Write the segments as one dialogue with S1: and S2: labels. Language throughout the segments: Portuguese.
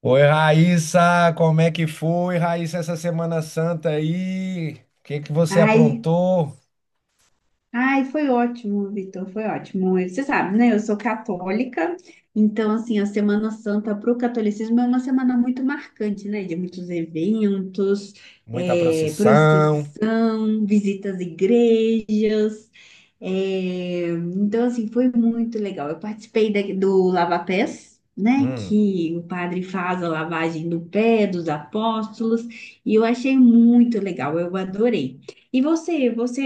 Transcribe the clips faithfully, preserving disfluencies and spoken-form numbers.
S1: Oi, Raíssa, como é que foi, Raíssa, essa Semana Santa aí? O que que você
S2: Ai,
S1: aprontou?
S2: ai, foi ótimo, Vitor, foi ótimo. Você sabe, né? Eu sou católica, então, assim, a Semana Santa para o catolicismo é uma semana muito marcante, né? De muitos eventos,
S1: Muita
S2: eh,
S1: procissão?
S2: procissão, visitas às igrejas. eh, então, assim, foi muito legal. Eu participei da- do Lava Pés, né?
S1: Hum,
S2: Que o padre faz a lavagem do pé dos apóstolos, e eu achei muito legal, eu adorei. E você, você,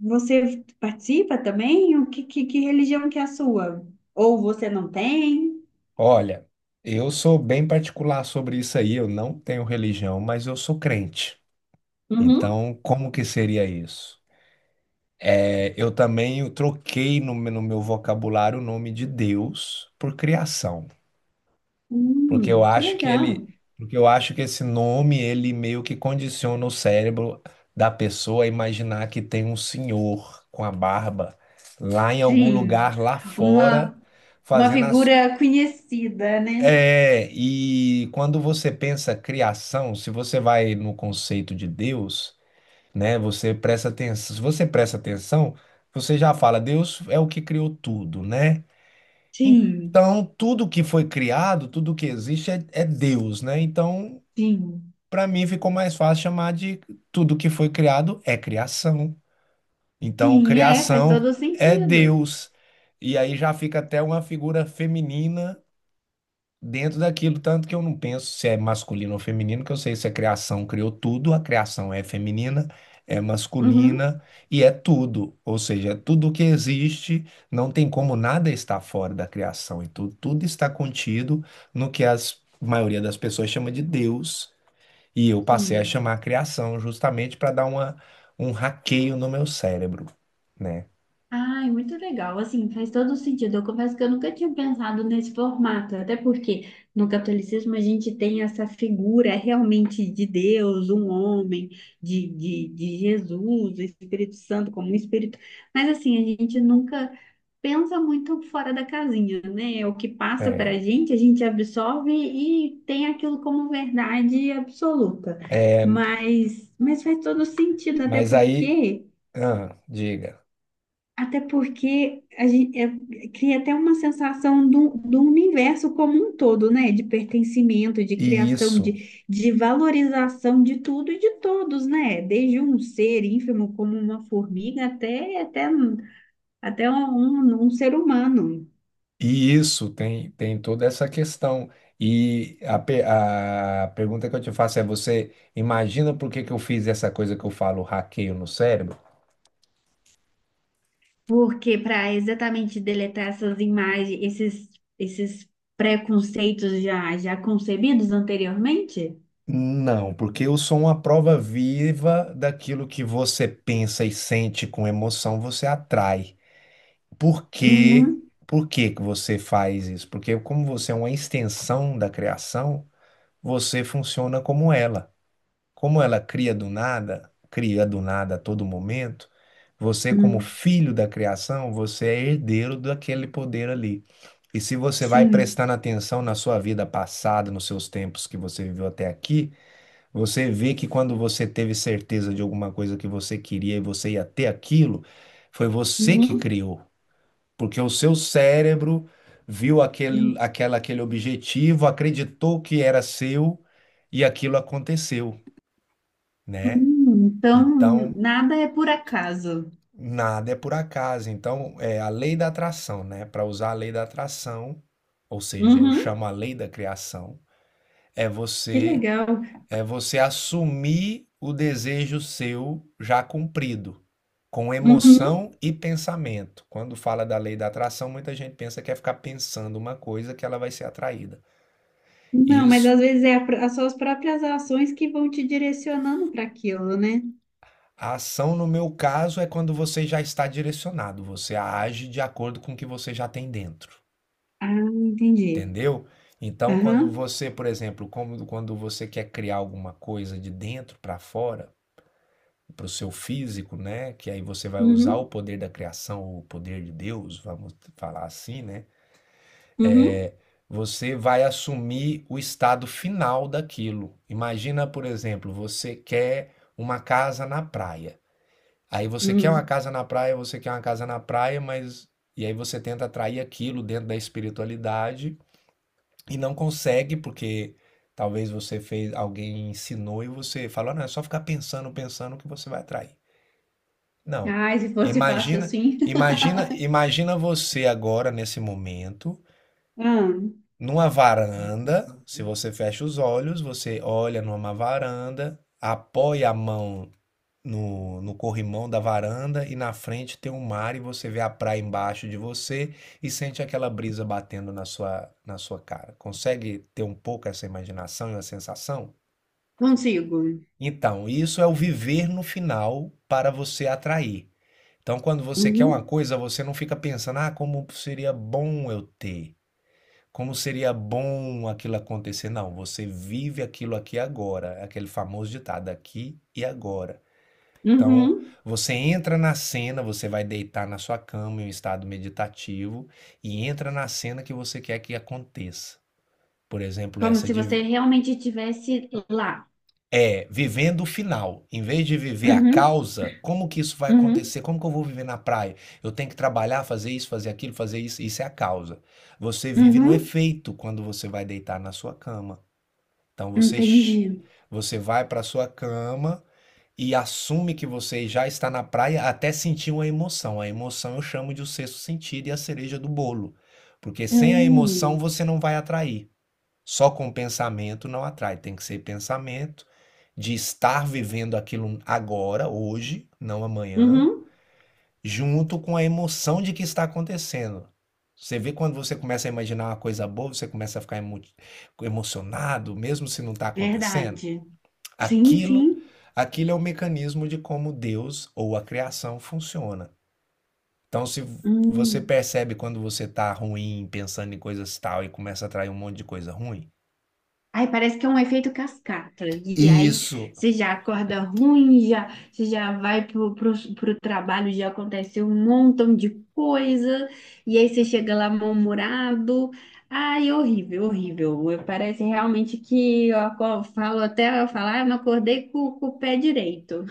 S2: você participa também? O que, que, que religião que é a sua? Ou você não tem?
S1: olha, eu sou bem particular sobre isso aí, eu não tenho religião, mas eu sou crente.
S2: Uhum.
S1: Então, como que seria isso? É, eu também eu troquei no, meu- no meu vocabulário o nome de Deus por criação. Porque eu
S2: Hum, que
S1: acho que ele,
S2: legal.
S1: Porque eu acho que esse nome ele meio que condiciona o cérebro da pessoa a imaginar que tem um senhor com a barba lá em algum
S2: Sim,
S1: lugar lá
S2: uma,
S1: fora
S2: uma
S1: fazendo as...
S2: figura conhecida, né?
S1: É, e quando você pensa criação, se você vai no conceito de Deus, né, você presta atenção, se você presta atenção, você já fala, Deus é o que criou tudo, né?
S2: Sim,
S1: Então, tudo que foi criado, tudo que existe é, é Deus, né? Então,
S2: sim,
S1: para mim ficou mais fácil chamar de tudo que foi criado é criação. Então,
S2: sim, é, faz
S1: criação
S2: todo
S1: é
S2: sentido.
S1: Deus. E aí já fica até uma figura feminina dentro daquilo, tanto que eu não penso se é masculino ou feminino, que eu sei se a criação criou tudo, a criação é feminina, é
S2: Uhum.
S1: masculina e é tudo. Ou seja, é tudo que existe, não tem como nada estar fora da criação. E tudo, tudo está contido no que a maioria das pessoas chama de Deus. E eu passei a
S2: Sim.
S1: chamar criação justamente para dar uma, um hackeio no meu cérebro, né?
S2: Ai, muito legal. Assim, faz todo sentido. Eu confesso que eu nunca tinha pensado nesse formato, até porque no catolicismo a gente tem essa figura realmente de Deus, um homem, de, de, de Jesus, o Espírito Santo como um espírito. Mas assim, a gente nunca pensa muito fora da casinha, né? É o que passa para a
S1: É,
S2: gente, a gente absorve e tem aquilo como verdade absoluta.
S1: é,
S2: Mas, mas faz todo sentido, até
S1: mas aí,
S2: porque.
S1: ah, diga,
S2: Até porque a gente, é, cria até uma sensação do, do universo como um todo, né? De pertencimento, de
S1: e
S2: criação,
S1: isso,
S2: de, de valorização de tudo e de todos, né? Desde um ser ínfimo como uma formiga até, até, um- até um, um um ser humano.
S1: e isso tem, tem toda essa questão. E a, pe- a pergunta que eu te faço é: você imagina por que que eu fiz essa coisa que eu falo, hackeio no cérebro?
S2: Porque para exatamente deletar essas imagens, esses, esses preconceitos já, já concebidos anteriormente?
S1: Não, porque eu sou uma prova viva daquilo que você pensa e sente com emoção, você atrai. Por que,
S2: Uhum,
S1: por que que você faz isso? Porque como você é uma extensão da criação, você funciona como ela. Como ela cria do nada, cria do nada a todo momento, você como
S2: uhum,
S1: filho da criação, você é herdeiro daquele poder ali. E se você vai
S2: sim.
S1: prestando atenção na sua vida passada, nos seus tempos que você viveu até aqui, você vê que quando você teve certeza de alguma coisa que você queria e você ia ter aquilo, foi você que
S2: Uhum.
S1: criou porque o seu cérebro viu aquele, aquela, aquele objetivo, acreditou que era seu e aquilo aconteceu, né?
S2: Hum, então,
S1: Então,
S2: nada é por acaso.
S1: nada é por acaso. Então, é a lei da atração, né? Para usar a lei da atração, ou seja, eu
S2: Uhum,
S1: chamo a lei da criação, é
S2: que
S1: você...
S2: legal.
S1: É você assumir o desejo seu já cumprido, com
S2: Uhum.
S1: emoção e pensamento. Quando fala da lei da atração, muita gente pensa que é ficar pensando uma coisa que ela vai ser atraída.
S2: Não, mas
S1: Isso,
S2: às vezes é a pr- as suas próprias ações que vão te direcionando para aquilo, né?
S1: a ação no meu caso é quando você já está direcionado, você age de acordo com o que você já tem dentro,
S2: Ah, entendi.
S1: entendeu? Então, quando
S2: Aham.
S1: você, por exemplo, como quando você quer criar alguma coisa de dentro para fora, para o seu físico, né? Que aí você vai usar o
S2: Uhum,
S1: poder da criação, o poder de Deus, vamos falar assim, né?
S2: uhum,
S1: Você vai assumir o estado final daquilo. Imagina, por exemplo, você quer uma casa na praia. Aí você quer uma
S2: uhum.
S1: casa na praia, você quer uma casa na praia, mas e aí você tenta atrair aquilo dentro da espiritualidade e não consegue porque talvez você fez, alguém ensinou e você falou, não, é só ficar pensando, pensando que você vai atrair. Não.
S2: Ai, se fosse fácil
S1: Imagina
S2: assim.
S1: imagina imagina você agora nesse momento,
S2: Ah,
S1: numa varanda, se você fecha os olhos, você olha numa varanda, apoia a mão no, no corrimão da varanda e na frente tem um mar e você vê a praia embaixo de você e sente aquela brisa batendo na sua, na sua cara. Consegue ter um pouco essa imaginação e a sensação?
S2: consigo.
S1: Então, isso é o viver no final para você atrair. Então, quando você quer uma
S2: Uhum,
S1: coisa, você não fica pensando, ah, como seria bom eu ter, como seria bom aquilo acontecer. Não, você vive aquilo aqui agora, é aquele famoso ditado, aqui e agora. Então,
S2: uhum.
S1: você entra na cena, você vai deitar na sua cama em um estado meditativo e entra na cena que você quer que aconteça. Por exemplo,
S2: Como
S1: essa
S2: se
S1: de
S2: você realmente estivesse lá.
S1: É, vivendo o final. Em vez de viver a
S2: Uhum,
S1: causa, como que isso vai
S2: uhum,
S1: acontecer? Como que eu vou viver na praia? Eu tenho que trabalhar, fazer isso, fazer aquilo, fazer isso. Isso é a causa. Você vive no
S2: uhum.
S1: efeito quando você vai deitar na sua cama. Então você, sh-
S2: Entendi.
S1: você vai para sua cama e assume que você já está na praia até sentir uma emoção. A emoção eu chamo de o sexto sentido e a cereja do bolo. Porque sem a emoção
S2: Hum.
S1: você não vai atrair. Só com pensamento não atrai, tem que ser pensamento de estar vivendo aquilo agora, hoje, não amanhã,
S2: Uhum.
S1: junto com a emoção de que está acontecendo. Você vê quando você começa a imaginar uma coisa boa, você começa a ficar emo- emocionado, mesmo se não está acontecendo.
S2: Verdade. Sim,
S1: Aquilo,
S2: sim.
S1: aquilo é o mecanismo de como Deus ou a criação funciona. Então, se você
S2: Hum.
S1: percebe quando você está ruim, pensando em coisas tal e começa a atrair um monte de coisa ruim,
S2: Aí parece que é um efeito cascata. E aí
S1: isso...
S2: você já acorda ruim, já, você já vai pro, pro, pro trabalho, já aconteceu um montão de coisa, e aí você chega lá mal-humorado. Ai, horrível, horrível. Eu- Parece realmente que eu aco- falo até eu falar, eu não acordei com, com o pé direito.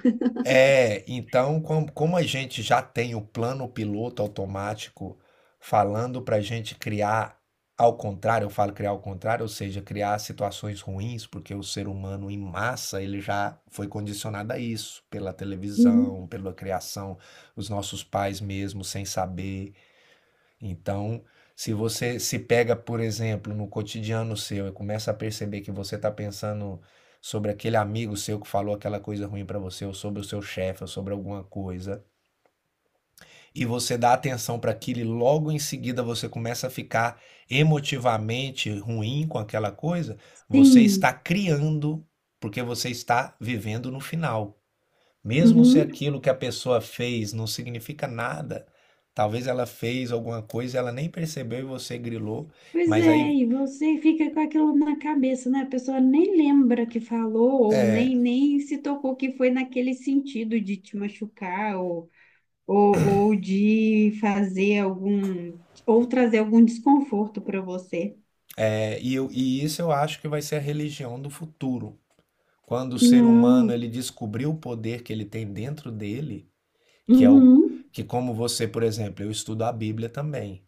S1: É, então, com- como a gente já tem o plano piloto automático falando para a gente criar ao contrário, eu falo criar ao contrário, ou seja, criar situações ruins, porque o ser humano em massa ele já foi condicionado a isso, pela
S2: Uhum.
S1: televisão, pela criação, os nossos pais mesmo sem saber. Então, se você se pega, por exemplo, no cotidiano seu e começa a perceber que você está pensando sobre aquele amigo seu que falou aquela coisa ruim para você, ou sobre o seu chefe, ou sobre alguma coisa, e você dá atenção para aquilo e logo em seguida você começa a ficar emotivamente ruim com aquela coisa, você
S2: Sim.
S1: está criando, porque você está vivendo no final. Mesmo se
S2: Uhum.
S1: aquilo que a pessoa fez não significa nada, talvez ela fez alguma coisa, ela nem percebeu e você grilou,
S2: Pois
S1: mas
S2: é,
S1: aí
S2: e você fica com aquilo na cabeça, né? A pessoa nem lembra que falou, ou nem, nem se tocou que foi naquele sentido de te machucar, ou, ou, ou de fazer algum, ou trazer algum desconforto para você.
S1: é, e, eu- e isso eu acho que vai ser a religião do futuro. Quando o ser
S2: Não.
S1: humano ele descobriu o poder que ele tem dentro dele, que é o
S2: Uhum,
S1: que como você, por exemplo, eu estudo a Bíblia também.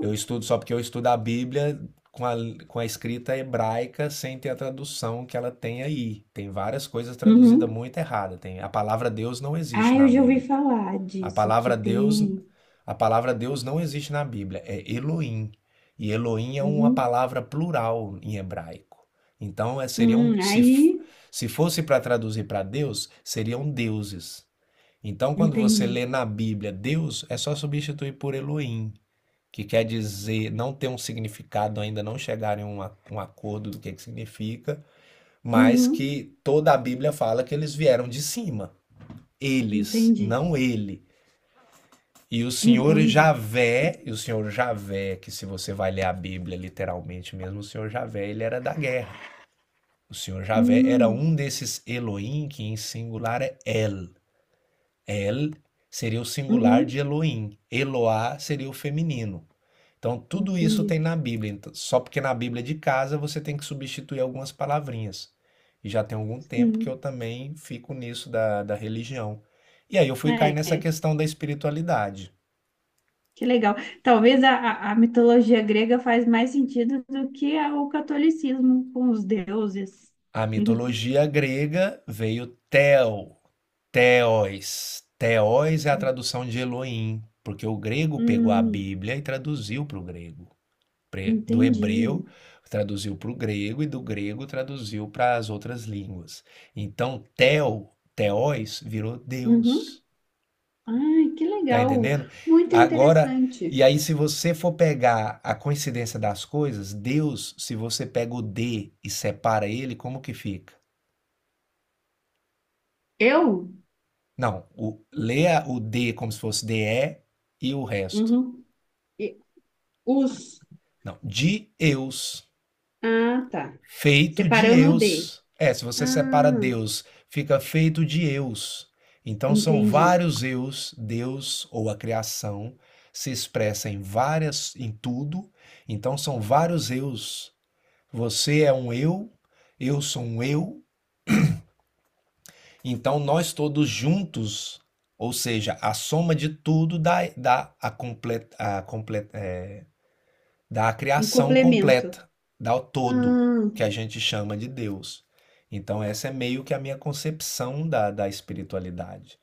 S1: Eu estudo só porque eu estudo a Bíblia com a, com a escrita hebraica sem ter a tradução que ela tem aí. Tem várias coisas traduzidas
S2: uhum.
S1: muito errada. Tem, a palavra Deus não
S2: Ah,
S1: existe na
S2: eu já ouvi
S1: Bíblia.
S2: falar
S1: A
S2: disso, que
S1: palavra Deus,
S2: tem.
S1: a palavra Deus não existe na Bíblia. É Elohim. E Elohim é uma
S2: Uhum,
S1: palavra plural em hebraico. Então, é, seriam
S2: uhum.
S1: se,
S2: Aí,
S1: se fosse para traduzir para Deus, seriam deuses. Então, quando você
S2: entendi.
S1: lê na Bíblia Deus, é só substituir por Elohim que quer dizer não ter um significado, ainda não chegarem em um, a- um acordo do que que significa, mas
S2: Uhum,
S1: que toda a Bíblia fala que eles vieram de cima. Eles,
S2: entendi,
S1: não ele. E o Senhor
S2: entendi.
S1: Javé, e o Senhor Javé, que se você vai ler a Bíblia literalmente mesmo, o Senhor Javé, ele era da guerra. O Senhor Javé era
S2: Uhum,
S1: um desses Elohim, que em singular é El. El seria o singular de
S2: uhum,
S1: Elohim. Eloá seria o feminino. Então, tudo isso
S2: entendi.
S1: tem na Bíblia. Então, só porque na Bíblia é de casa você tem que substituir algumas palavrinhas. E já tem algum tempo que eu
S2: Sim,
S1: também fico nisso da, da religião. E aí eu fui cair
S2: é,
S1: nessa
S2: é,
S1: questão da espiritualidade.
S2: que legal. Talvez a, a a mitologia grega faz mais sentido do que a- o catolicismo com os deuses.
S1: A mitologia grega veio Theo, Theos. Theos é a tradução de Elohim, porque o grego pegou a
S2: Hum,
S1: Bíblia e traduziu para o grego. Do
S2: entendi.
S1: hebreu traduziu para o grego e do grego traduziu para as outras línguas. Então, Theo, Theos virou
S2: Uhum.
S1: Deus.
S2: Ai, que
S1: Tá
S2: legal.
S1: entendendo?
S2: Muito
S1: Agora,
S2: interessante.
S1: e aí, se você for pegar a coincidência das coisas, Deus, se você pega o D e separa ele, como que fica?
S2: Eu?
S1: Não, o, leia o D como se fosse dê e e o resto.
S2: Uhum. E- Os.
S1: Não, de Eus.
S2: Ah, tá.
S1: Feito de
S2: Separando o D.
S1: eus. É, se você separa
S2: Ah,
S1: Deus, fica feito de eus. Então são
S2: entendi.
S1: vários eus, Deus ou a criação se expressa em várias em tudo. Então são vários eus. Você é um eu, eu sou um eu. Então nós todos juntos, ou seja, a soma de tudo dá, dá a completa a completa é, da
S2: Um
S1: criação
S2: complemento.
S1: completa, da todo,
S2: Ah.
S1: que a gente chama de Deus. Então, essa é meio que a minha concepção da, da espiritualidade.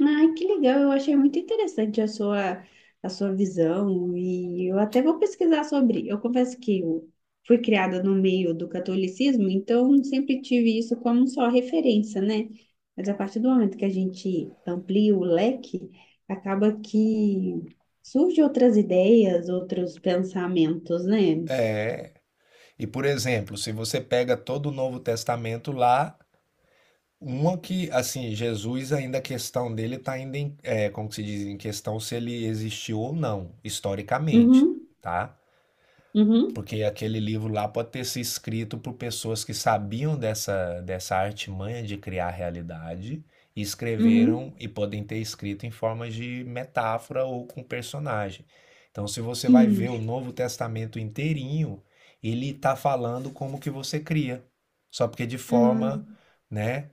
S2: Ai, que legal, eu achei muito interessante a sua, a sua visão e eu até vou pesquisar sobre. Eu confesso que eu fui criada no meio do catolicismo, então sempre tive isso como só referência, né? Mas a partir do momento que a gente amplia o leque, acaba que surgem outras ideias, outros pensamentos, né?
S1: E, por exemplo, se você pega todo o Novo Testamento lá, uma que, assim, Jesus ainda a questão dele está ainda em, é, como se diz, em questão se ele existiu ou não, historicamente,
S2: Uhum,
S1: tá?
S2: uhum,
S1: Porque aquele livro lá pode ter sido escrito por pessoas que sabiam dessa, dessa artimanha de criar realidade e
S2: uhum,
S1: escreveram e podem ter escrito em forma de metáfora ou com personagem. Então, se você vai
S2: sim,
S1: ver o Novo Testamento inteirinho, ele está falando como que você cria. Só porque de forma,
S2: hum,
S1: né?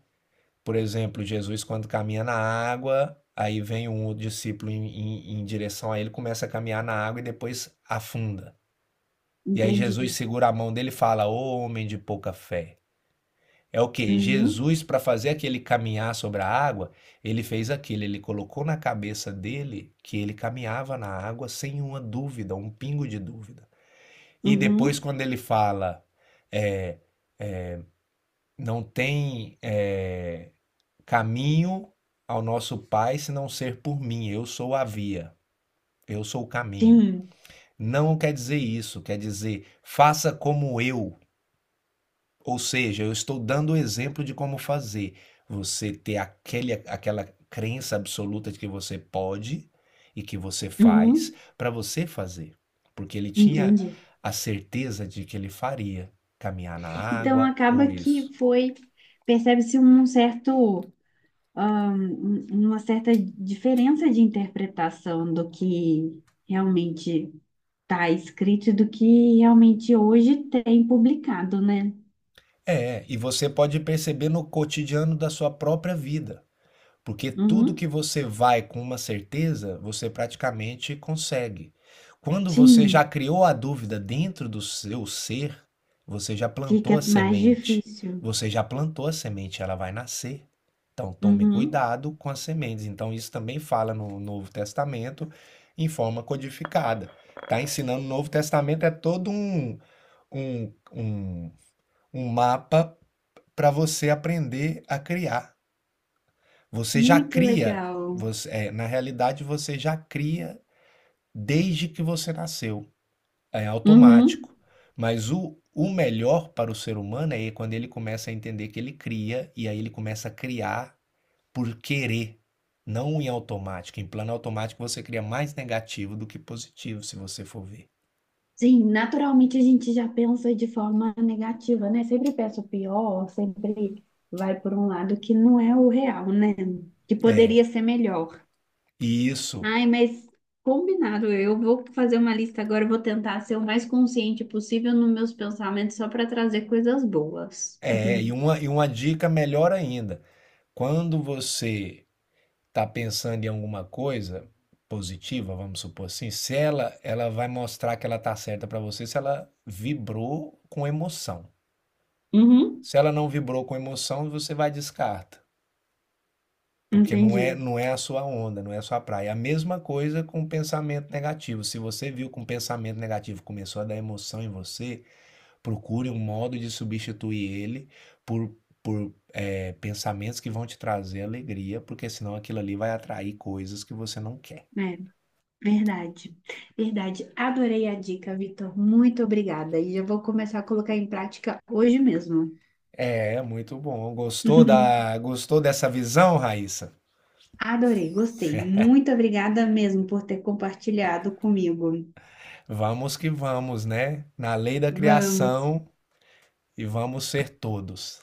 S1: Por exemplo, Jesus quando caminha na água, aí vem um outro discípulo em, em, em direção a ele, começa a caminhar na água e depois afunda. E aí Jesus
S2: entendi.
S1: segura a mão dele e fala: Ô homem de pouca fé. É o que?
S2: Uhum,
S1: Jesus, para fazer aquele caminhar sobre a água, ele fez aquilo, ele colocou na cabeça dele que ele caminhava na água sem uma dúvida, um pingo de dúvida. E depois,
S2: uhum,
S1: quando ele fala, é, não tem é, caminho ao nosso Pai se não ser por mim, eu sou a via, eu sou o caminho.
S2: sim,
S1: Não quer dizer isso, quer dizer, faça como eu, ou seja, eu estou dando o exemplo de como fazer. Você ter aquele, aquela crença absoluta de que você pode e que você faz
S2: uhum.
S1: para você fazer. Porque ele tinha
S2: Entendi.
S1: a certeza de que ele faria caminhar na
S2: Então
S1: água ou
S2: acaba que
S1: isso.
S2: foi, percebe-se um certo, ah, um- uma certa diferença de interpretação do que realmente está escrito e do que realmente hoje tem publicado, né?
S1: É, e você pode perceber no cotidiano da sua própria vida. Porque tudo que
S2: Uhum.
S1: você vai com uma certeza, você praticamente consegue. Quando você já
S2: Sim,
S1: criou a dúvida dentro do seu ser, você já plantou a
S2: fica mais
S1: semente.
S2: difícil.
S1: Você já plantou a semente, ela vai nascer. Então tome
S2: Uhum.
S1: cuidado com as sementes. Então isso também fala no Novo Testamento em forma codificada. Está ensinando o Novo Testamento é todo um, um, um, um mapa para você aprender a criar. Você já
S2: Muito
S1: cria,
S2: legal.
S1: você, é, na realidade você já cria desde que você nasceu, é
S2: Uhum.
S1: automático. Mas o, o melhor para o ser humano é quando ele começa a entender que ele cria e aí ele começa a criar por querer, não em automático. Em plano automático você cria mais negativo do que positivo, se você for ver.
S2: Sim, naturalmente a gente já pensa de forma negativa, né? Sempre pensa o pior, sempre vai por um lado que não é o real, né? Que poderia ser melhor.
S1: E isso
S2: Ai, mas combinado, eu vou fazer uma lista agora, eu vou tentar ser o mais consciente possível nos meus pensamentos só para trazer coisas boas.
S1: é, e uma, e uma dica melhor ainda. Quando você tá pensando em alguma coisa positiva, vamos supor assim, se ela, ela vai mostrar que ela tá certa para você se ela vibrou com emoção.
S2: Uhum,
S1: Se ela não vibrou com emoção, você vai descarta, porque não é,
S2: entendi.
S1: não é a sua onda, não é a sua praia. É a mesma coisa com pensamento negativo. Se você viu que um pensamento negativo começou a dar emoção em você, procure um modo de substituir ele por por eh, pensamentos que vão te trazer alegria, porque senão aquilo ali vai atrair coisas que você não quer.
S2: É, verdade. Verdade. Adorei a dica, Vitor. Muito obrigada. E eu vou começar a colocar em prática hoje mesmo.
S1: É, muito bom. Gostou da, gostou dessa visão, Raíssa?
S2: Adorei, gostei. Muito obrigada mesmo por ter compartilhado comigo.
S1: Vamos que vamos, né? Na lei da
S2: Vamos,
S1: criação e vamos ser todos.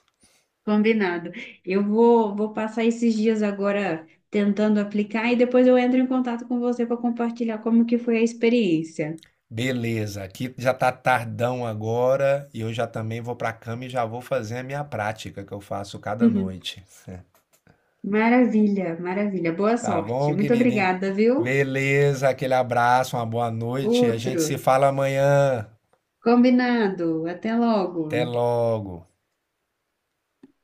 S2: combinado. Eu vou, vou passar esses dias agora tentando aplicar e depois eu entro em contato com você para compartilhar como que foi a experiência.
S1: Beleza, aqui já tá tardão agora e eu já também vou pra cama e já vou fazer a minha prática que eu faço cada noite.
S2: Maravilha, maravilha. Boa
S1: Tá
S2: sorte.
S1: bom,
S2: Muito
S1: querido? En-
S2: obrigada, viu?
S1: Beleza, aquele abraço, uma boa noite. A gente
S2: Outro.
S1: se fala amanhã.
S2: Combinado. Até logo.
S1: Até logo.